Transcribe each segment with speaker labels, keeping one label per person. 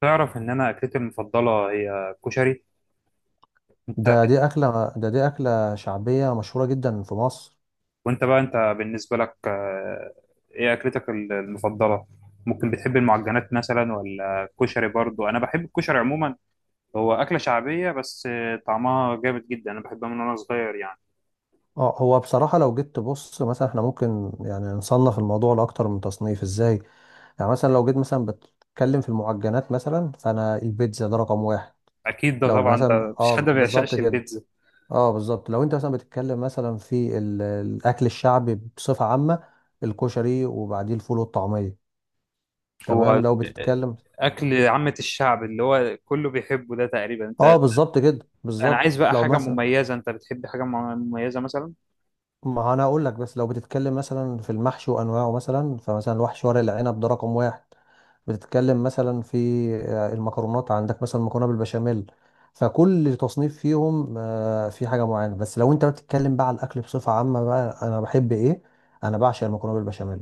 Speaker 1: تعرف ان انا اكلتي المفضله هي كشري؟ انت؟
Speaker 2: ده دي أكلة شعبية مشهورة جدا في مصر.
Speaker 1: وانت بقى انت بالنسبه لك، ايه اكلتك المفضله؟ ممكن بتحب المعجنات مثلا ولا الكشري؟ برضو انا بحب الكشري عموما. هو اكله شعبيه بس طعمها جامد جدا. انا بحبها من وانا صغير يعني.
Speaker 2: اه هو بصراحة لو جيت تبص مثلا، احنا ممكن يعني نصنف الموضوع لأكتر من تصنيف. ازاي يعني؟ مثلا لو جيت مثلا بتتكلم في المعجنات مثلا، فأنا البيتزا ده رقم واحد.
Speaker 1: اكيد ده
Speaker 2: لو
Speaker 1: طبعا، ده
Speaker 2: مثلا
Speaker 1: مفيش حد
Speaker 2: اه
Speaker 1: ما
Speaker 2: بالظبط
Speaker 1: بيعشقش
Speaker 2: كده.
Speaker 1: البيتزا.
Speaker 2: اه بالظبط، لو انت مثلا بتتكلم مثلا في الأكل الشعبي بصفة عامة، الكشري وبعديه الفول والطعمية. تمام
Speaker 1: هو
Speaker 2: لو
Speaker 1: ال-
Speaker 2: بتتكلم
Speaker 1: اكل عامه الشعب اللي هو كله بيحبه ده، تقريبا انت.
Speaker 2: اه بالظبط كده،
Speaker 1: انا عايز
Speaker 2: بالظبط
Speaker 1: بقى
Speaker 2: لو
Speaker 1: حاجه
Speaker 2: مثلا
Speaker 1: مميزه، انت بتحب حاجه مميزه مثلا؟
Speaker 2: ما انا اقول لك بس لو بتتكلم مثلا في المحشي وانواعه، مثلا فمثلا الوحش ورق العنب ده رقم واحد. بتتكلم مثلا في المكرونات، عندك مثلا مكرونه بالبشاميل. فكل تصنيف فيهم في حاجه معينه، بس لو انت بتتكلم بقى على الاكل بصفه عامه، بقى انا بحب ايه؟ انا بعشق المكرونه بالبشاميل.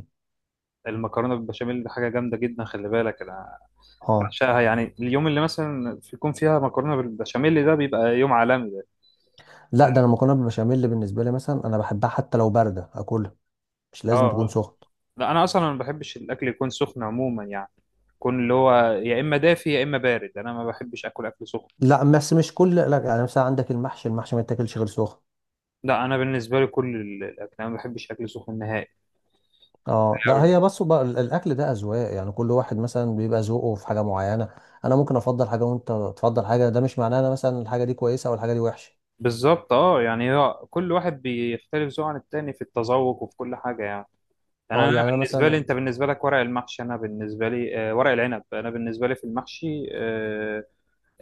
Speaker 1: المكرونه بالبشاميل دي حاجه جامده جدا، خلي بالك. انا
Speaker 2: اه
Speaker 1: بعشقها يعني، اليوم اللي مثلا يكون فيها مكرونه بالبشاميل ده بيبقى يوم عالمي ده.
Speaker 2: لا ده انا المكرونه بالبشاميل اللي بالنسبه لي مثلا انا بحبها حتى لو بارده اكلها، مش
Speaker 1: اه
Speaker 2: لازم تكون
Speaker 1: آه.
Speaker 2: سخنه.
Speaker 1: لا انا اصلا ما بحبش الاكل يكون سخن عموما يعني، يكون اللي هو يا اما دافي يا اما بارد، انا ما بحبش اكل سخن.
Speaker 2: لا بس مش كل لا، يعني مثلا عندك المحشي، المحشي ما يتاكلش غير سخن.
Speaker 1: لا انا بالنسبه لي كل الاكل، انا ما بحبش اكل سخن نهائي
Speaker 2: اه لا
Speaker 1: يعني.
Speaker 2: هي بس بقى الاكل ده اذواق، يعني كل واحد مثلا بيبقى ذوقه في حاجه معينه. انا ممكن افضل حاجه وانت تفضل حاجه، ده مش معناه انا مثلا الحاجه دي كويسه او الحاجه دي وحشه.
Speaker 1: بالظبط اه، يعني هو كل واحد بيختلف ذوقه عن التاني في التذوق وفي كل حاجه يعني. يعني
Speaker 2: اه
Speaker 1: انا
Speaker 2: يعني انا
Speaker 1: بالنسبه لي،
Speaker 2: مثلا
Speaker 1: انت بالنسبه لك ورق المحشي، انا بالنسبه لي ورق العنب، انا بالنسبه لي في المحشي،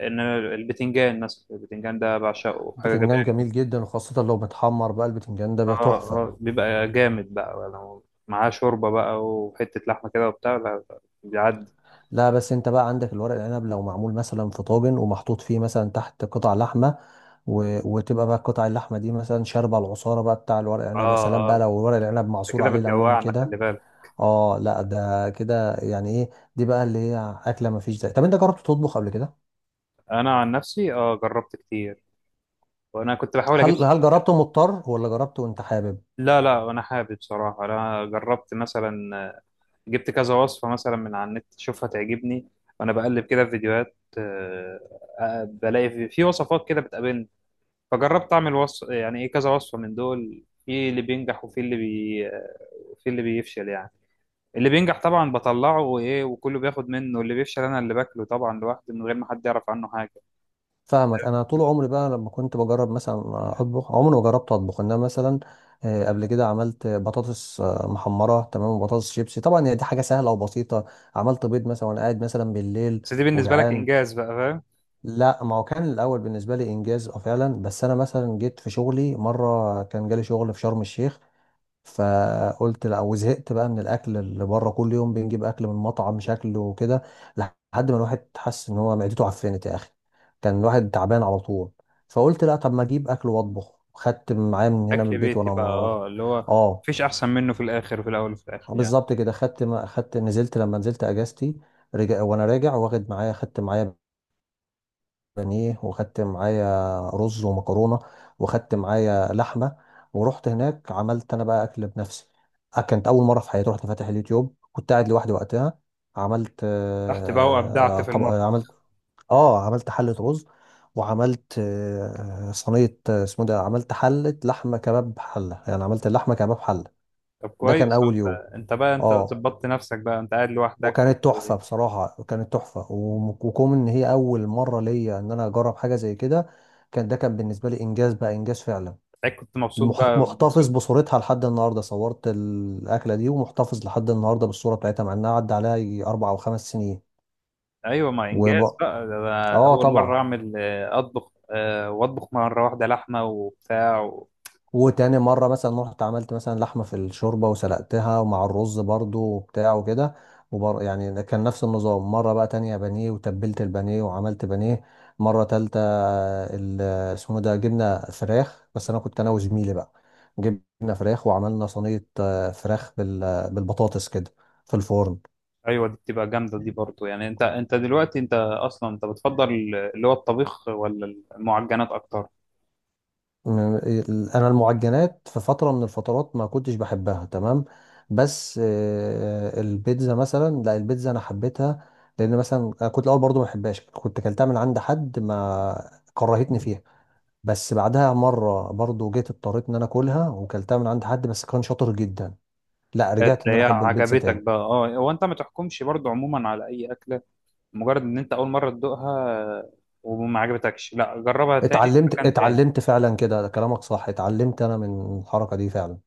Speaker 1: ان البتنجان مثلا، البتنجان ده بعشقه، حاجه
Speaker 2: بتنجان
Speaker 1: جميله.
Speaker 2: جميل جدا، وخاصه لو متحمر بقى البتنجان ده
Speaker 1: اه
Speaker 2: بيبقى تحفه.
Speaker 1: اه، بيبقى جامد بقى لو معاه شوربه بقى وحته لحمه كده وبتاع. لا بيعدي.
Speaker 2: لا بس انت بقى عندك الورق العنب لو معمول مثلا في طاجن ومحطوط فيه مثلا تحت قطع لحمه وتبقى بقى قطع اللحمه دي مثلا شاربه العصاره بقى بتاع الورق العنب. يا سلام
Speaker 1: اه
Speaker 2: بقى
Speaker 1: اه.
Speaker 2: لو ورق العنب
Speaker 1: انت
Speaker 2: معصور
Speaker 1: كده
Speaker 2: عليه ليمون
Speaker 1: بتجوعنا،
Speaker 2: كده!
Speaker 1: خلي بالك.
Speaker 2: اه لا ده كده يعني ايه؟ دي بقى اللي هي اكله ما فيش زي. طب انت جربت تطبخ قبل كده؟
Speaker 1: انا عن نفسي اه جربت كتير، وانا كنت بحاول
Speaker 2: هل
Speaker 1: اجيب.
Speaker 2: هل جربته مضطر ولا جربته وانت حابب؟
Speaker 1: لا لا، انا حابب بصراحه. انا جربت مثلا، جبت كذا وصفه مثلا من على النت، اشوفها تعجبني وانا بقلب كده في فيديوهات، بلاقي في وصفات كده بتقابلني. فجربت اعمل وصف يعني، ايه، كذا وصفه من دول، في اللي بينجح وفي اللي بي في اللي بيفشل يعني. اللي بينجح طبعا بطلعه وايه وكله بياخد منه، اللي بيفشل انا اللي باكله طبعا لوحدي من غير ما حد يعرف عنه حاجه.
Speaker 2: فاهمك. انا طول عمري بقى لما كنت بجرب مثلا اطبخ، عمري ما جربت اطبخ، انما مثلا قبل كده عملت بطاطس محمره تمام، وبطاطس شيبسي. طبعا هي دي حاجه سهله وبسيطه. عملت بيض مثلا وانا قاعد مثلا بالليل
Speaker 1: بس دي بالنسبه لك
Speaker 2: وجعان.
Speaker 1: انجاز بقى، فاهم.
Speaker 2: لا ما هو كان الاول بالنسبه لي انجاز اه فعلا، بس انا مثلا جيت في شغلي مره كان جالي شغل في شرم الشيخ. فقلت لا، وزهقت بقى من الاكل اللي بره. كل يوم بنجيب اكل من مطعم شكله وكده، لحد ما الواحد حس ان هو معدته عفنت يا اخي. كان الواحد تعبان على طول. فقلت لا، طب ما اجيب اكل واطبخ. خدت معايا من هنا من
Speaker 1: اكل
Speaker 2: البيت،
Speaker 1: بيتي بقى اه، اللي هو
Speaker 2: اه
Speaker 1: مفيش احسن منه في الاخر، وفي الاول وفي الاخر يعني.
Speaker 2: بالظبط كده. خدت ما خدت، نزلت لما نزلت اجازتي، رجع وانا راجع واخد معايا خدت معايا بانيه، وخدت معايا رز ومكرونه، وخدت معايا لحمه. ورحت هناك عملت انا بقى اكل بنفسي. كانت اول مره في حياتي. رحت فاتح اليوتيوب، كنت قاعد لوحدي وقتها. عملت
Speaker 1: رحت بقى وابدعت
Speaker 2: آه،
Speaker 1: في
Speaker 2: طب آه، عملت
Speaker 1: المطبخ.
Speaker 2: اه عملت حله رز، وعملت صينيه اسمه ده، عملت حله لحمه كباب حله، يعني عملت اللحمه كباب حله.
Speaker 1: طب
Speaker 2: ده كان
Speaker 1: كويس.
Speaker 2: اول يوم.
Speaker 1: انت بقى، انت
Speaker 2: اه
Speaker 1: ظبطت نفسك بقى، انت قاعد لوحدك
Speaker 2: وكانت
Speaker 1: و-.
Speaker 2: تحفة بصراحة، كانت تحفة. وكون ان هي اول مرة ليا ان انا اجرب حاجة زي كده، كان ده كان بالنسبة لي انجاز بقى، انجاز فعلا.
Speaker 1: ساعات كنت مبسوط بقى،
Speaker 2: محتفظ
Speaker 1: مبسوط.
Speaker 2: بصورتها لحد النهاردة. صورت الاكلة دي ومحتفظ لحد النهاردة بالصورة بتاعتها، مع انها عدى عليها يجي 4 أو 5 سنين.
Speaker 1: ايوه، ما انجاز
Speaker 2: وب...
Speaker 1: بقى ده، أنا
Speaker 2: اه
Speaker 1: اول مره
Speaker 2: طبعا.
Speaker 1: اعمل اطبخ، واطبخ مره واحده لحمه وبتاع و...
Speaker 2: وتاني مرة مثلا رحت عملت مثلا لحمة في الشوربة وسلقتها، ومع الرز برضو وبتاع وكده. يعني كان نفس النظام. مرة بقى تانية بانيه، وتبلت البانيه وعملت بانيه. مرة تالتة ال- اسمه ده، جبنا فراخ، بس أنا كنت أنا وزميلي بقى. جبنا فراخ وعملنا صينية فراخ بالبطاطس كده في الفرن.
Speaker 1: ايوه، دي بتبقى جامده دي برضو يعني. انت دلوقتي، انت اصلا انت بتفضل اللي هو الطبيخ ولا المعجنات اكتر؟
Speaker 2: انا المعجنات في فتره من الفترات ما كنتش بحبها تمام، بس البيتزا مثلا لا، البيتزا انا حبيتها. لان مثلا أنا كنت الاول برضو ما بحبهاش، كنت اكلتها من عند حد ما كرهتني فيها. بس بعدها مره برضو جيت اضطريت ان انا اكلها، وكلتها من عند حد بس كان شاطر جدا، لا رجعت ان انا
Speaker 1: تلاقيها
Speaker 2: احب البيتزا
Speaker 1: عجبتك
Speaker 2: تاني.
Speaker 1: بقى اه. هو انت ما تحكمش برضو عموما على اي اكله مجرد ان انت اول مره تدوقها آه، وما عجبتكش. لا، جربها تاني في
Speaker 2: اتعلمت
Speaker 1: مكان تاني.
Speaker 2: اتعلمت فعلا كده. ده كلامك صح، اتعلمت انا من الحركه دي فعلا.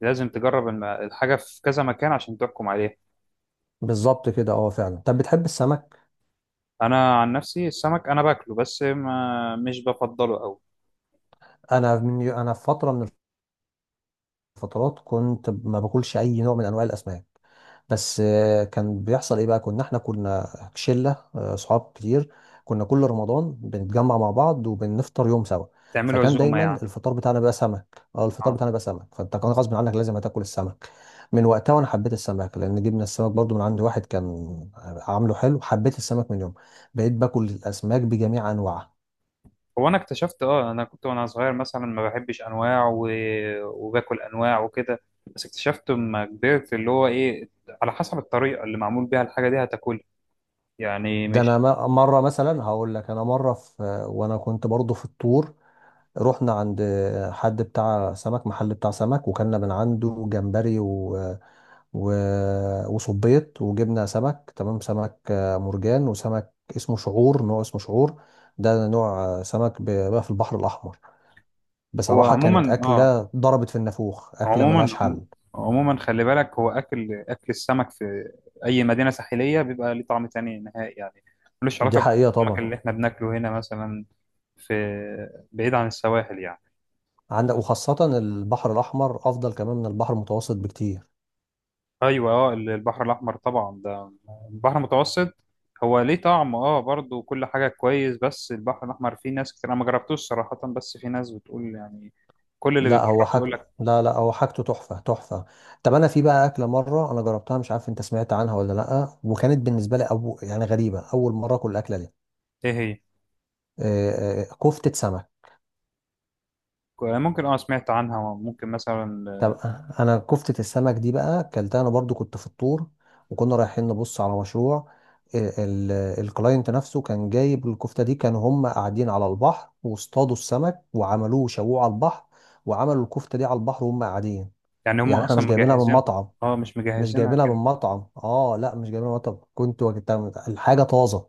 Speaker 1: لازم تجرب الحاجه في كذا مكان عشان تحكم عليها.
Speaker 2: بالظبط كده اه فعلا. طب بتحب السمك؟
Speaker 1: انا عن نفسي السمك، انا باكله بس ما مش بفضله قوي.
Speaker 2: انا في فتره من فترات كنت ما باكلش اي نوع من انواع الاسماك، بس كان بيحصل ايه بقى. كنا احنا شله صحاب كتير، كنا كل رمضان بنتجمع مع بعض وبنفطر يوم سوا.
Speaker 1: تعمله
Speaker 2: فكان
Speaker 1: عزومه
Speaker 2: دايما
Speaker 1: يعني.
Speaker 2: الفطار بتاعنا بقى سمك، اه الفطار
Speaker 1: اه،
Speaker 2: بتاعنا بقى سمك. فانت كان غصب عنك لازم هتاكل السمك. من وقتها وانا حبيت السمك، لان جبنا السمك برضو من عند واحد كان عامله حلو. حبيت السمك من يوم، بقيت باكل الاسماك بجميع انواعها.
Speaker 1: هو انا اكتشفت اه، انا كنت وانا صغير مثلا ما بحبش انواع و... وباكل انواع وكده. بس اكتشفت لما كبرت اللي هو ايه، على حسب الطريقه اللي معمول بيها الحاجه دي هتاكلها. يعني مش.
Speaker 2: مره مثلا هقول لك، انا مره في وانا كنت برضو في الطور، رحنا عند حد بتاع سمك، محل بتاع سمك، وكلنا من عنده جمبري و... وصبيط، وجبنا سمك تمام. سمك مرجان، وسمك اسمه شعور، نوع اسمه شعور. ده نوع سمك بقى في البحر الأحمر.
Speaker 1: هو
Speaker 2: بصراحة
Speaker 1: عموما
Speaker 2: كانت
Speaker 1: اه،
Speaker 2: أكلة ضربت في النافوخ، أكلة
Speaker 1: عموما،
Speaker 2: ملهاش حل.
Speaker 1: عموما خلي بالك، هو اكل السمك في اي مدينه ساحليه بيبقى ليه طعم تاني نهائي يعني، ملوش
Speaker 2: دي
Speaker 1: علاقه
Speaker 2: حقيقة
Speaker 1: بالسمك
Speaker 2: طبعا.
Speaker 1: اللي احنا بناكله هنا مثلا في بعيد عن السواحل يعني.
Speaker 2: عندك وخاصة البحر الأحمر أفضل كمان من البحر المتوسط بكتير.
Speaker 1: ايوه اه، البحر الاحمر طبعا ده، البحر المتوسط هو ليه طعم اه، برضه كل حاجه كويس، بس البحر الاحمر فيه ناس كتير، انا ما جربتوش صراحه بس في ناس بتقول يعني، كل اللي
Speaker 2: لا هو
Speaker 1: بيجرب يقول
Speaker 2: حاجته،
Speaker 1: لك.
Speaker 2: لا لا هو حاجته تحفة تحفة. طب انا في بقى اكلة مرة انا جربتها، مش عارف انت سمعت عنها ولا لا، وكانت بالنسبة لي أبو يعني غريبة، اول مرة اكل الاكلة دي.
Speaker 1: ايه هي؟
Speaker 2: كفتة سمك.
Speaker 1: ممكن اه، سمعت عنها ممكن مثلا.
Speaker 2: طب انا كفتة السمك دي بقى اكلتها انا برضو كنت في الطور، وكنا رايحين نبص على مشروع. آه، ال- الكلاينت نفسه كان جايب الكفتة دي. كانوا هم قاعدين على البحر واصطادوا السمك وعملوه شووه على البحر، وعملوا الكفتة دي على البحر وهم قاعدين.
Speaker 1: يعني هم
Speaker 2: يعني احنا
Speaker 1: اصلا
Speaker 2: مش جايبينها من
Speaker 1: مجهزينها.
Speaker 2: مطعم،
Speaker 1: اه، مش
Speaker 2: مش
Speaker 1: مجهزينها
Speaker 2: جايبينها من
Speaker 1: كانت.
Speaker 2: مطعم اه لا مش جايبينها من مطعم، كنت وجدتها الحاجه طازه.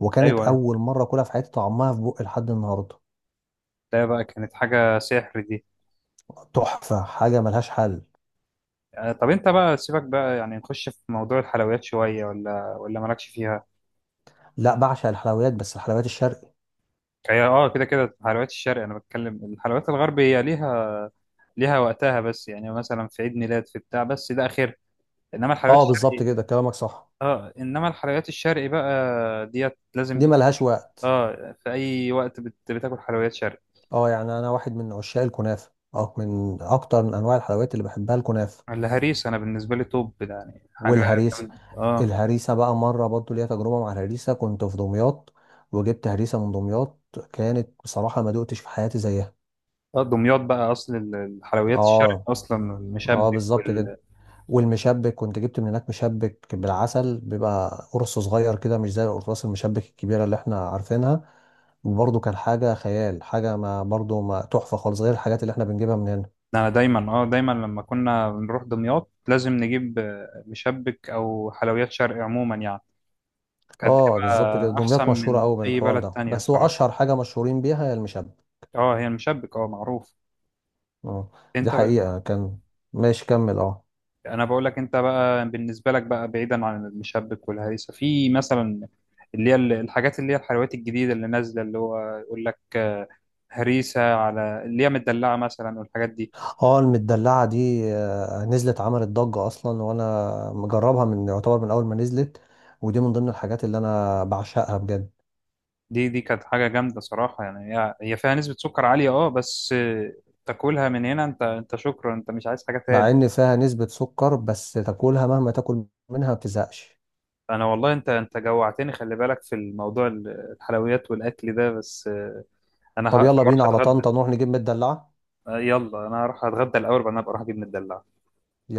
Speaker 2: وكانت
Speaker 1: ايوه،
Speaker 2: اول مره اكلها في حياتي، طعمها في بقي لحد النهارده.
Speaker 1: ده بقى كانت حاجه سحر دي.
Speaker 2: تحفه، حاجه ملهاش حل.
Speaker 1: طب انت بقى، سيبك بقى يعني، نخش في موضوع الحلويات شويه، ولا مالكش فيها؟
Speaker 2: لا بعشق الحلويات، بس الحلويات الشرقي.
Speaker 1: هي اه، كده كده حلويات الشرق، انا بتكلم الحلويات الغرب، هي ليها، ليها وقتها، بس يعني مثلا في عيد ميلاد في بتاع، بس ده اخر. انما الحلويات
Speaker 2: اه بالظبط
Speaker 1: الشرقي
Speaker 2: كده، كلامك صح.
Speaker 1: اه، انما الحلويات الشرقي بقى، ديت لازم
Speaker 2: دي
Speaker 1: تك...
Speaker 2: ملهاش وقت.
Speaker 1: اه، في اي وقت بت... بتاكل حلويات شرقي.
Speaker 2: اه يعني انا واحد من عشاق الكنافه، اه من اكتر من انواع الحلويات اللي بحبها الكنافه
Speaker 1: الهريسه انا بالنسبه لي توب يعني، حاجه
Speaker 2: والهريسه.
Speaker 1: جامدة. اه.
Speaker 2: الهريسه بقى مره برضو ليا تجربه مع الهريسه، كنت في دمياط وجبت هريسه من دمياط، كانت بصراحه ما دقتش في حياتي زيها.
Speaker 1: دمياط بقى اصل الحلويات الشرق
Speaker 2: اه
Speaker 1: اصلا،
Speaker 2: اه
Speaker 1: المشبك
Speaker 2: بالظبط كده.
Speaker 1: وال...
Speaker 2: والمشبك كنت جبت من هناك مشبك بالعسل، بيبقى قرص صغير كده مش زي القرصاص المشبك الكبيرة اللي احنا عارفينها. وبرضه كان حاجة خيال، حاجة ما برضه ما تحفة خالص غير الحاجات اللي احنا بنجيبها من هنا.
Speaker 1: انا دايما اه، دايما لما كنا بنروح دمياط لازم نجيب مشبك او حلويات شرق عموما يعني. كانت
Speaker 2: اه بالظبط كده،
Speaker 1: بتبقى احسن
Speaker 2: دمياط مشهورة
Speaker 1: من
Speaker 2: قوي
Speaker 1: اي
Speaker 2: بالحوار
Speaker 1: بلد
Speaker 2: ده،
Speaker 1: تانية
Speaker 2: بس هو
Speaker 1: صراحة.
Speaker 2: أشهر حاجة مشهورين بيها هي المشبك.
Speaker 1: اه، هي المشبك، اه معروف.
Speaker 2: اه دي
Speaker 1: انت ب...
Speaker 2: حقيقة. كان ماشي كمل اه.
Speaker 1: انا بقول لك، انت بقى بالنسبة لك بقى، بعيدا عن المشبك والهريسة، في مثلا اللي هي الحاجات اللي هي الحلويات الجديدة اللي نازلة، اللي هو يقول لك هريسة، على اللي هي مدلعة مثلا والحاجات دي.
Speaker 2: اه المدلعة دي نزلت عملت ضجة أصلا، وأنا مجربها من يعتبر من أول ما نزلت. ودي من ضمن الحاجات اللي أنا بعشقها بجد.
Speaker 1: دي كانت حاجة جامدة صراحة يعني، هي فيها نسبة سكر عالية اه، بس تاكلها من هنا انت، انت شكرا، انت مش عايز حاجة تاني.
Speaker 2: مع ان فيها نسبة سكر، بس تاكلها مهما تاكل منها ما بتزهقش.
Speaker 1: انا والله انت، جوعتني، خلي بالك في الموضوع الحلويات والاكل ده، بس انا
Speaker 2: طب
Speaker 1: هروح
Speaker 2: يلا بينا على
Speaker 1: اتغدى.
Speaker 2: طنطا نروح نجيب مدلعة.
Speaker 1: يلا، انا هروح اتغدى الاول، بعدين ابقى اروح اجيب مدلع.
Speaker 2: يلا.